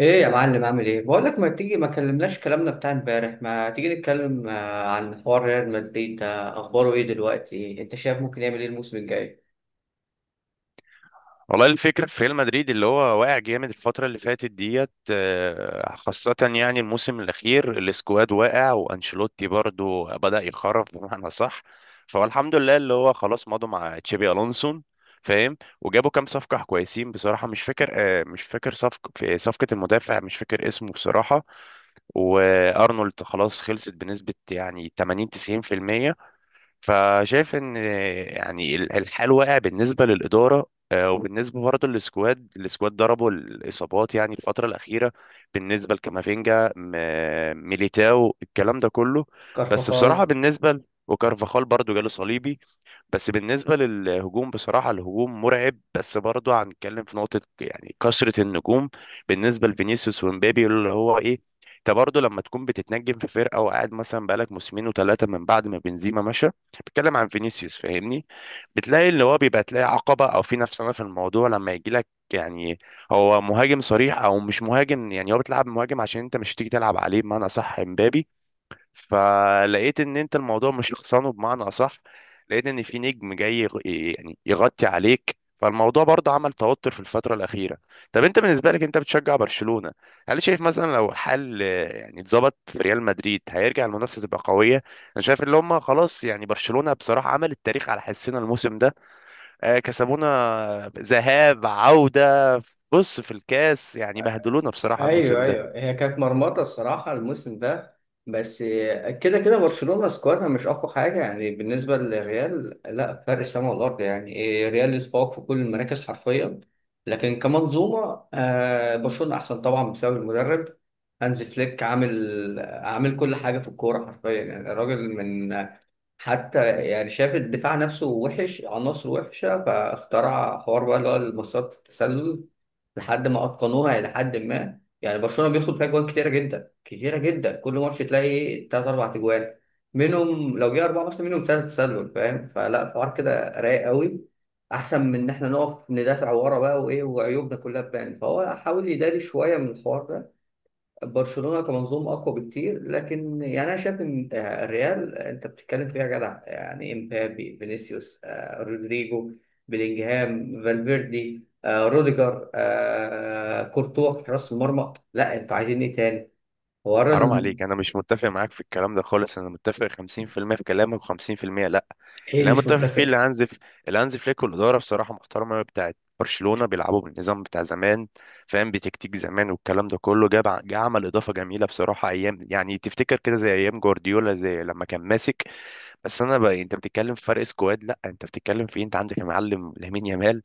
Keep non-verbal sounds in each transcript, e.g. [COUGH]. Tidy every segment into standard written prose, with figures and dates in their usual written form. ايه يا معلم، عامل ايه؟ بقول لك ما تيجي؟ ما كلمناش كلامنا بتاع امبارح. ما تيجي نتكلم عن حوار ريال مدريد، ده اخباره ايه دلوقتي؟ انت شايف ممكن يعمل ايه الموسم الجاي؟ والله الفكرة في ريال مدريد اللي هو واقع جامد الفترة اللي فاتت ديت، خاصة يعني الموسم الأخير. السكواد واقع، وأنشيلوتي برضو بدأ يخرف بمعنى صح. فهو الحمد لله اللي هو خلاص مضوا مع تشابي ألونسون. فاهم، وجابوا كام صفقة كويسين بصراحة. مش فاكر صفقة في صفقة المدافع، مش فاكر اسمه بصراحة. وأرنولد خلاص خلصت بنسبة يعني 80 90%. فشايف ان يعني الحال واقع بالنسبه للاداره، وبالنسبه برضه للسكواد. السكواد ضربوا الاصابات يعني الفتره الاخيره. بالنسبه لكامافينجا، ميليتاو، الكلام ده كله. بس بصراحه كارفخال. بالنسبه وكارفاخال برضه جاله صليبي. بس بالنسبة للهجوم، بصراحة الهجوم مرعب، بس برضه هنتكلم في نقطة يعني كثرة النجوم. بالنسبة لفينيسيوس ومبابي، اللي هو ايه، انت برضه لما تكون بتتنجم في فرقة وقاعد مثلا بقالك موسمين وثلاثة من بعد ما بنزيما مشى، بتكلم عن فينيسيوس، فاهمني؟ بتلاقي اللي هو بيبقى، تلاقي عقبة او في نفسنا في الموضوع لما يجي لك، يعني هو مهاجم صريح او مش مهاجم، يعني هو بتلعب مهاجم عشان انت مش تيجي تلعب عليه بمعنى صح امبابي. فلقيت ان انت الموضوع مش شخصانه بمعنى اصح، لقيت ان في نجم جاي يعني يغطي عليك، فالموضوع برضه عمل توتر في الفترة الأخيرة. طب انت بالنسبة لك انت بتشجع برشلونة، هل شايف مثلا لو الحل يعني اتظبط في ريال مدريد هيرجع المنافسة تبقى قوية؟ انا شايف اللي هم خلاص، يعني برشلونة بصراحة عمل التاريخ على حسنا الموسم ده. كسبونا ذهاب عودة، بص في الكاس يعني بهدلونا بصراحة الموسم ايوه ده. ايوه، هي كانت مرمطه الصراحه الموسم ده. بس كده كده برشلونه سكوادها مش اقوى حاجه، يعني بالنسبه للريال لا، فرق السما والارض. يعني إيه، الريال يتفوق في كل المراكز حرفيا. لكن كمنظومه برشلونه احسن طبعا بسبب المدرب هانز فليك. عامل كل حاجه في الكوره حرفيا، يعني الراجل من حتى يعني شاف الدفاع نفسه وحش، عناصر وحشة، فاخترع حوار بقى اللي هو المسارات التسلل لحد ما أتقنوها إلى حد ما. يعني برشلونة بيدخل فيها جوان كتيرة جدا كتيرة جدا، كل ماتش تلاقي تلات أربع أجوان منهم، لو جه أربعة مثلا منهم تلاتة تسلل، فاهم؟ فلا الحوار كده رايق قوي، أحسن من إن إحنا نقف ندافع ورا بقى وإيه وعيوبنا كلها تبان، فهو حاول يداري شوية من الحوار ده. برشلونة كمنظومة أقوى بكتير، لكن يعني أنا شايف إن الريال أنت بتتكلم فيها جدع، يعني إمبابي، فينيسيوس، رودريجو، بيلينجهام، فالفيردي، روديجر، كورتوا في حراس المرمى. لا أنتوا عايزين إيه تاني؟ ورا حرام ال... عليك، انا مش متفق معاك في الكلام ده خالص. انا متفق 50% في المية في كلامك و50% لا. إيه اللي اللي انا مش متفق فيه اللي متفق؟ اللي هانز فليك والاداره بصراحه محترمه أوي بتاعت برشلونه، بيلعبوا بالنظام بتاع زمان. فاهم، بتكتيك زمان، والكلام ده كله جا عمل اضافه جميله بصراحه. ايام يعني تفتكر كده زي ايام جوارديولا زي لما كان ماسك. بس انا بقى، انت بتتكلم في فرق سكواد؟ لا انت بتتكلم في إيه؟ انت عندك يا معلم لامين يامال،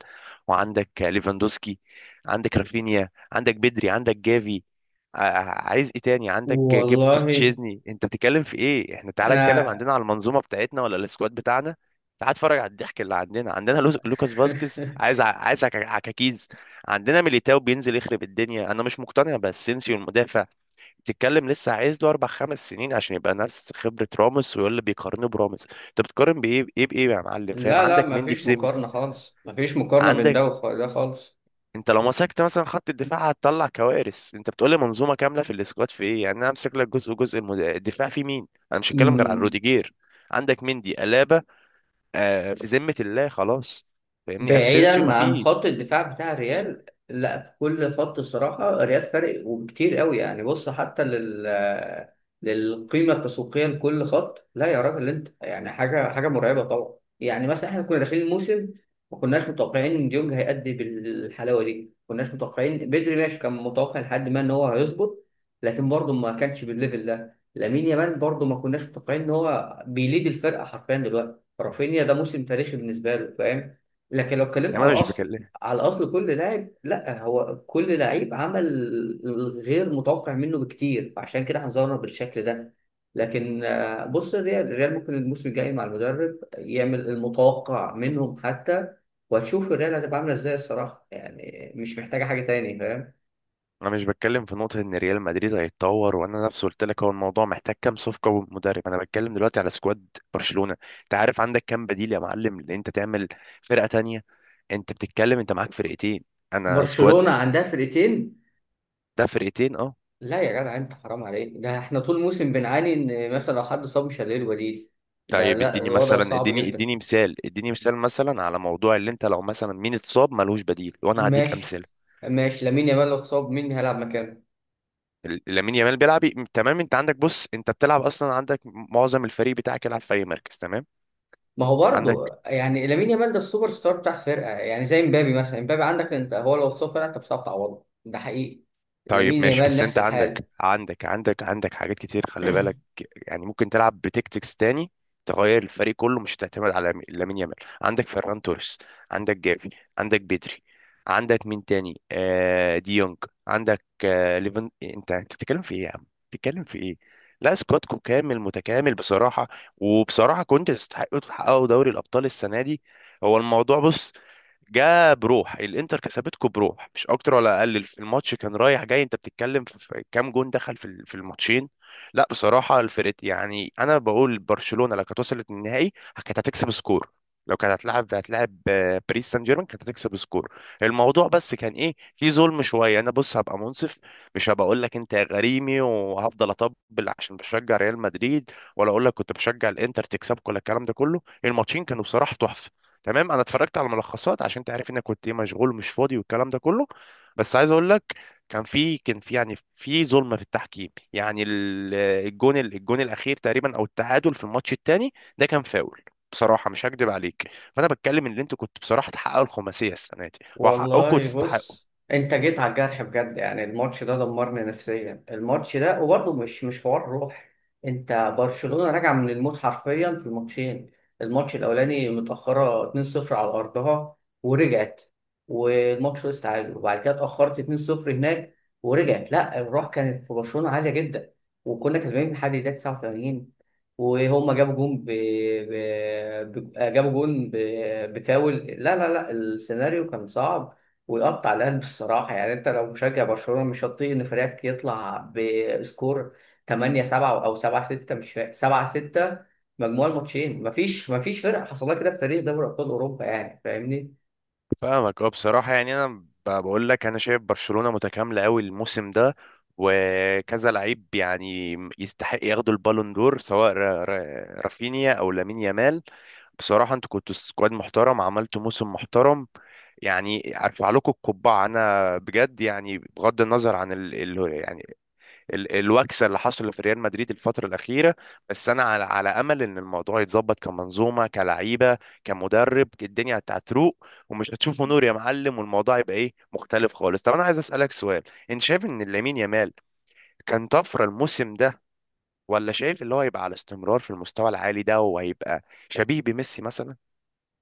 وعندك ليفاندوسكي، عندك رافينيا، عندك بدري، عندك جافي، عايز ايه تاني؟ عندك جبتوس، والله تشيزني، انت بتتكلم في ايه؟ احنا تعالى اتكلم انا عندنا على المنظومه بتاعتنا ولا السكواد بتاعنا. تعال اتفرج على الضحك اللي عندنا. عندنا لوكاس فاسكيز عايز [LAUGHS] عايز عكاكيز. عندنا ميليتاو بينزل يخرب الدنيا. انا مش مقتنع باسينسيو المدافع، بتتكلم لسه عايز له اربع خمس سنين عشان يبقى نفس خبره راموس. ويقول اللي بيقارنه براموس، انت بتقارن بايه بايه بايه يا معلم؟ فاهم لا عندك لا مندي في مفيش ذمه. مقارنة خالص، مفيش مقارنة بين عندك ده وده انت لو مسكت مثلا خط الدفاع هتطلع كوارث. انت بتقول لي منظومه كامله في الاسكواد في ايه يعني؟ انا امسك لك جزء جزء، الدفاع في مين؟ انا مش خالص. هتكلم غير عن روديجير. عندك مندي، الابا، آه في ذمه الله خلاص. فاهمني؟ اسينسيو ما بعيدا عن فيه. خط الدفاع بتاع الريال، لا في كل خط الصراحة الريال فارق وكتير قوي، يعني بص حتى لل للقيمة التسويقية لكل خط. لا يا راجل انت، يعني حاجة حاجة مرعبة طبعا. يعني مثلا احنا كنا داخلين الموسم، ما كناش متوقعين ان ديونج هيأدي بالحلاوة دي، ما كناش متوقعين بدري ماشي، كان متوقع لحد ما ان هو هيظبط لكن برضه ما كانش بالليفل ده. لامين يامال برضه ما كناش متوقعين ان هو بيليد الفرقة حرفيا دلوقتي. رافينيا ده موسم تاريخي بالنسبة له، فاهم؟ لكن لو اتكلمت يعني انا على مش اصل، بكلم على اصل كل لاعب، لا هو كل لعيب عمل غير متوقع منه بكتير، فعشان كده هنظهر بالشكل ده. لكن بص الريال، الريال ممكن الموسم الجاي مع المدرب يعمل المتوقع منهم حتى، وهتشوف الريال هتبقى عامله ازاي الصراحه، يعني مش محتاجه حاجه تاني، فاهم؟ انا مش بتكلم في نقطه ان ريال مدريد هيتطور. وانا نفسي قلت لك هو الموضوع محتاج كام صفقه ومدرب. انا بتكلم دلوقتي على سكواد برشلونه. انت عارف عندك كام بديل يا معلم ان انت تعمل فرقه تانية؟ انت بتتكلم انت معاك فرقتين. انا سكواد، برشلونه عندها فرقتين؟ ده فرقتين اه. لا يا جدع انت حرام عليك، ده احنا طول الموسم بنعاني ان مثلا لو حد صاب مش هنلاقي البديل. ده طيب لا اديني الوضع مثلا، صعب اديني جدا. اديني مثال، اديني مثال، مثلا على موضوع اللي انت، لو مثلا مين اتصاب ملوش بديل، وانا هديك ماشي. امثله. ماشي، لامين يامال لو اتصاب مين هيلعب مكانه؟ لامين يامال بيلعب، تمام، انت عندك بص انت بتلعب اصلا عندك معظم الفريق بتاعك يلعب في اي مركز، تمام. ما هو عندك برضه يعني لامين يامال ده السوبر ستار بتاع الفرقه، يعني زي امبابي مثلا. امبابي عندك انت هو لو اتصاب فرقه، انت مش هتعرف تعوضه، ده حقيقي. طيب لامين ماشي، يامال بس انت نفس الحال. عندك حاجات كتير، خلي بالك. يعني ممكن تلعب بتكتكس تاني، تغير الفريق كله مش تعتمد على لامين يامال. عندك فيران توريس، عندك جافي، عندك بدري، عندك مين تاني؟ آه دي يونج، عندك آه ليفن. انت انت بتتكلم في ايه يا عم، بتتكلم في ايه؟ لا سكوادكم كامل متكامل بصراحة. وبصراحة كنت تستحقوا تحققوا دوري الأبطال السنة دي. هو الموضوع بص، جاء بروح الانتر كسبتكم بروح مش اكتر ولا اقل. في الماتش كان رايح جاي، انت بتتكلم في في كام جون دخل في في الماتشين. لا بصراحه الفرق يعني، انا بقول برشلونه لو كانت وصلت للنهائي كانت هتكسب سكور. لو كانت هتلعب هتلعب باريس سان جيرمان كانت هتكسب سكور. الموضوع بس كان ايه، في ظلم شويه. انا بص هبقى منصف، مش هبقى اقول لك انت غريمي وهفضل اطبل عشان بشجع ريال مدريد، ولا اقول لك كنت بشجع الانتر تكسبك ولا الكلام ده كله. الماتشين كانوا بصراحه تحفه، تمام. انا اتفرجت على ملخصات عشان تعرف انك كنت ايه مشغول ومش فاضي والكلام ده كله. بس عايز اقول لك، كان في يعني في ظلم في التحكيم. يعني الجون الاخير تقريبا، او التعادل في الماتش الثاني ده كان فاول. بصراحه مش هكدب عليك، فانا بتكلم ان انتوا كنتوا بصراحه تحققوا الخماسيه السنه دي وحقكم والله وتستحقوا. بص، انت جيت على الجرح بجد، يعني الماتش ده دمرني نفسيا، الماتش ده. وبرضه مش حوار روح، انت برشلونة راجعة من الموت حرفيا في الماتشين. الماتش الاولاني متأخرة 2-0 على ارضها، ورجعت والماتش خلص تعادل. وبعد كده اتأخرت 2-0 هناك، ورجعت. لا الروح كانت في برشلونة عالية جدا، وكنا كسبانين لحد الدقيقة 89، وهم ب... جابوا جون بفاول. لا لا لا السيناريو كان صعب، ويقطع القلب الصراحة. يعني انت لو مشجع برشلونة مش هتطيق ان فريقك يطلع بسكور 8 7 او 7 6، مش فاكر 7 6 مجموع الماتشين. مفيش مفيش فرقة حصلها كده في تاريخ دوري ابطال اوروبا، يعني فاهمني؟ فاهمك اه. بصراحة يعني أنا بقول لك أنا شايف برشلونة متكاملة أوي الموسم ده. وكذا لعيب يعني يستحق ياخدوا البالون دور، سواء رافينيا أو لامين يامال. بصراحة أنتوا كنتوا سكواد محترم، عملتوا موسم محترم. يعني أرفع لكم القبعة أنا بجد، يعني بغض النظر عن يعني الوكسه اللي حصلت في ريال مدريد الفتره الاخيره. بس انا على امل ان الموضوع يتظبط كمنظومه، كلعيبه، كمدرب، الدنيا هتروق ومش هتشوفوا نور يا معلم، والموضوع يبقى ايه مختلف خالص. طب انا عايز اسالك سؤال، انت شايف ان لامين يامال كان طفره الموسم ده، ولا شايف اللي هو هيبقى على استمرار في المستوى العالي ده وهيبقى شبيه بميسي مثلا؟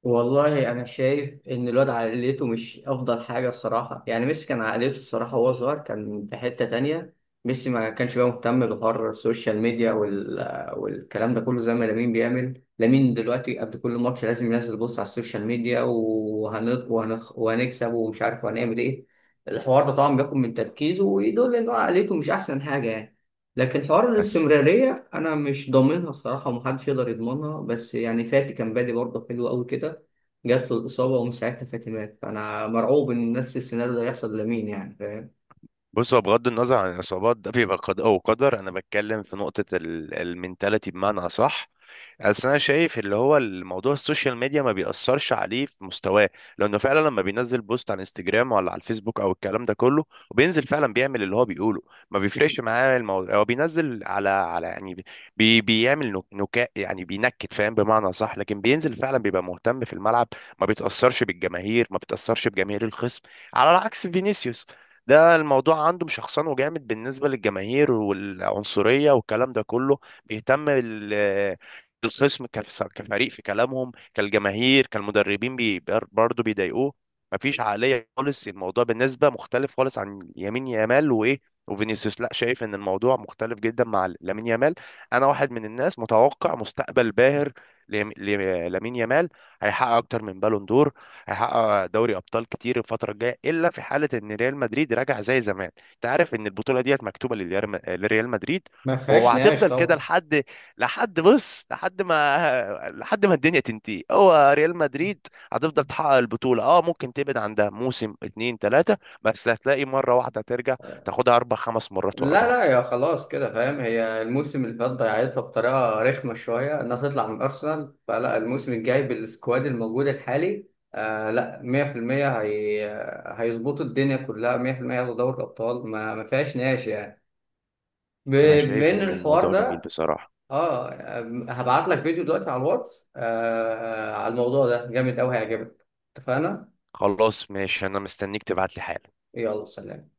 والله انا شايف ان الواد عقليته مش افضل حاجه الصراحه. يعني ميسي كان عقليته الصراحه وهو صغير كان في حته تانية، ميسي ما كانش بقى مهتم بحوار السوشيال ميديا والكلام ده كله زي ما لامين بيعمل. لامين دلوقتي قبل كل ماتش لازم ينزل بوست على السوشيال ميديا وهنكسب ومش عارف وهنعمل ايه. الحوار ده طبعا بياخد من تركيزه، ويدل ان هو عقليته مش احسن حاجه يعني. لكن حوار بس الاستمرارية أنا مش ضامنها الصراحة، ومحدش يقدر يضمنها. بس يعني فاتي كان بادي برضه حلو أوي كده، جات له الإصابة ومن ساعتها فاتي مات، فأنا مرعوب إن نفس السيناريو ده يحصل لمين، يعني فاهم؟ بص هو بغض النظر عن الإصابات، ده بيبقى قد أو قدر. أنا بتكلم في نقطة المنتاليتي بمعنى أصح. بس أنا شايف اللي هو الموضوع السوشيال ميديا ما بيأثرش عليه في مستواه، لأنه فعلا لما بينزل بوست على انستجرام ولا على الفيسبوك أو الكلام ده كله، وبينزل فعلا بيعمل اللي هو بيقوله، ما بيفرقش معاه الموضوع. هو بينزل على يعني بي بيعمل نكاء يعني بينكت فاهم بمعنى صح، لكن بينزل فعلا بيبقى مهتم في الملعب. ما بيتأثرش بالجماهير، ما بيتأثرش بجماهير الخصم، على عكس فينيسيوس، ده الموضوع عنده مشخصنه جامد بالنسبة للجماهير والعنصرية والكلام ده كله. بيهتم الخصم كفريق، في كلامهم كالجماهير كالمدربين برضه بيضايقوه. مفيش عقلية خالص، الموضوع بالنسبة مختلف خالص عن يمين يامال وإيه وفينيسيوس. لا شايف ان الموضوع مختلف جدا مع لامين يامال. انا واحد من الناس متوقع مستقبل باهر ليم- ليم- لامين يامال، هيحقق اكتر من بالون دور، هيحقق دوري ابطال كتير الفتره الجايه، الا في حاله ان ريال مدريد راجع زي زمان. انت عارف ان البطوله ديت مكتوبه للريال، لريال مدريد، ما فيهاش نقاش وهتفضل كده طبعا. لحد، لحد بص لحد ما لحد ما الدنيا تنتهي هو ريال مدريد هتفضل تحقق البطوله، اه ممكن تبعد عندها موسم اتنين تلاته بس هتلاقي مره واحده ترجع تاخدها اربع خمس مرات ورا لا لا بعض. يا خلاص كده فاهم، هي الموسم اللي فات ضيعتها بطريقة رخمة شوية إنها تطلع من أرسنال، فلا الموسم الجاي بالسكواد الموجود الحالي. آه لا، 100% هي هيظبطوا الدنيا كلها 100%، ياخدوا دوري الأبطال، ما فيهاش نقاش يعني. ب- انا شايف بين ان الحوار الموضوع جميل ده، بصراحه. اه. هبعت لك فيديو دلوقتي على الواتس على الموضوع ده، جامد أوي، هيعجبك، اتفقنا؟ خلاص ماشي، انا مستنيك تبعت لي حالا. يلا سلام.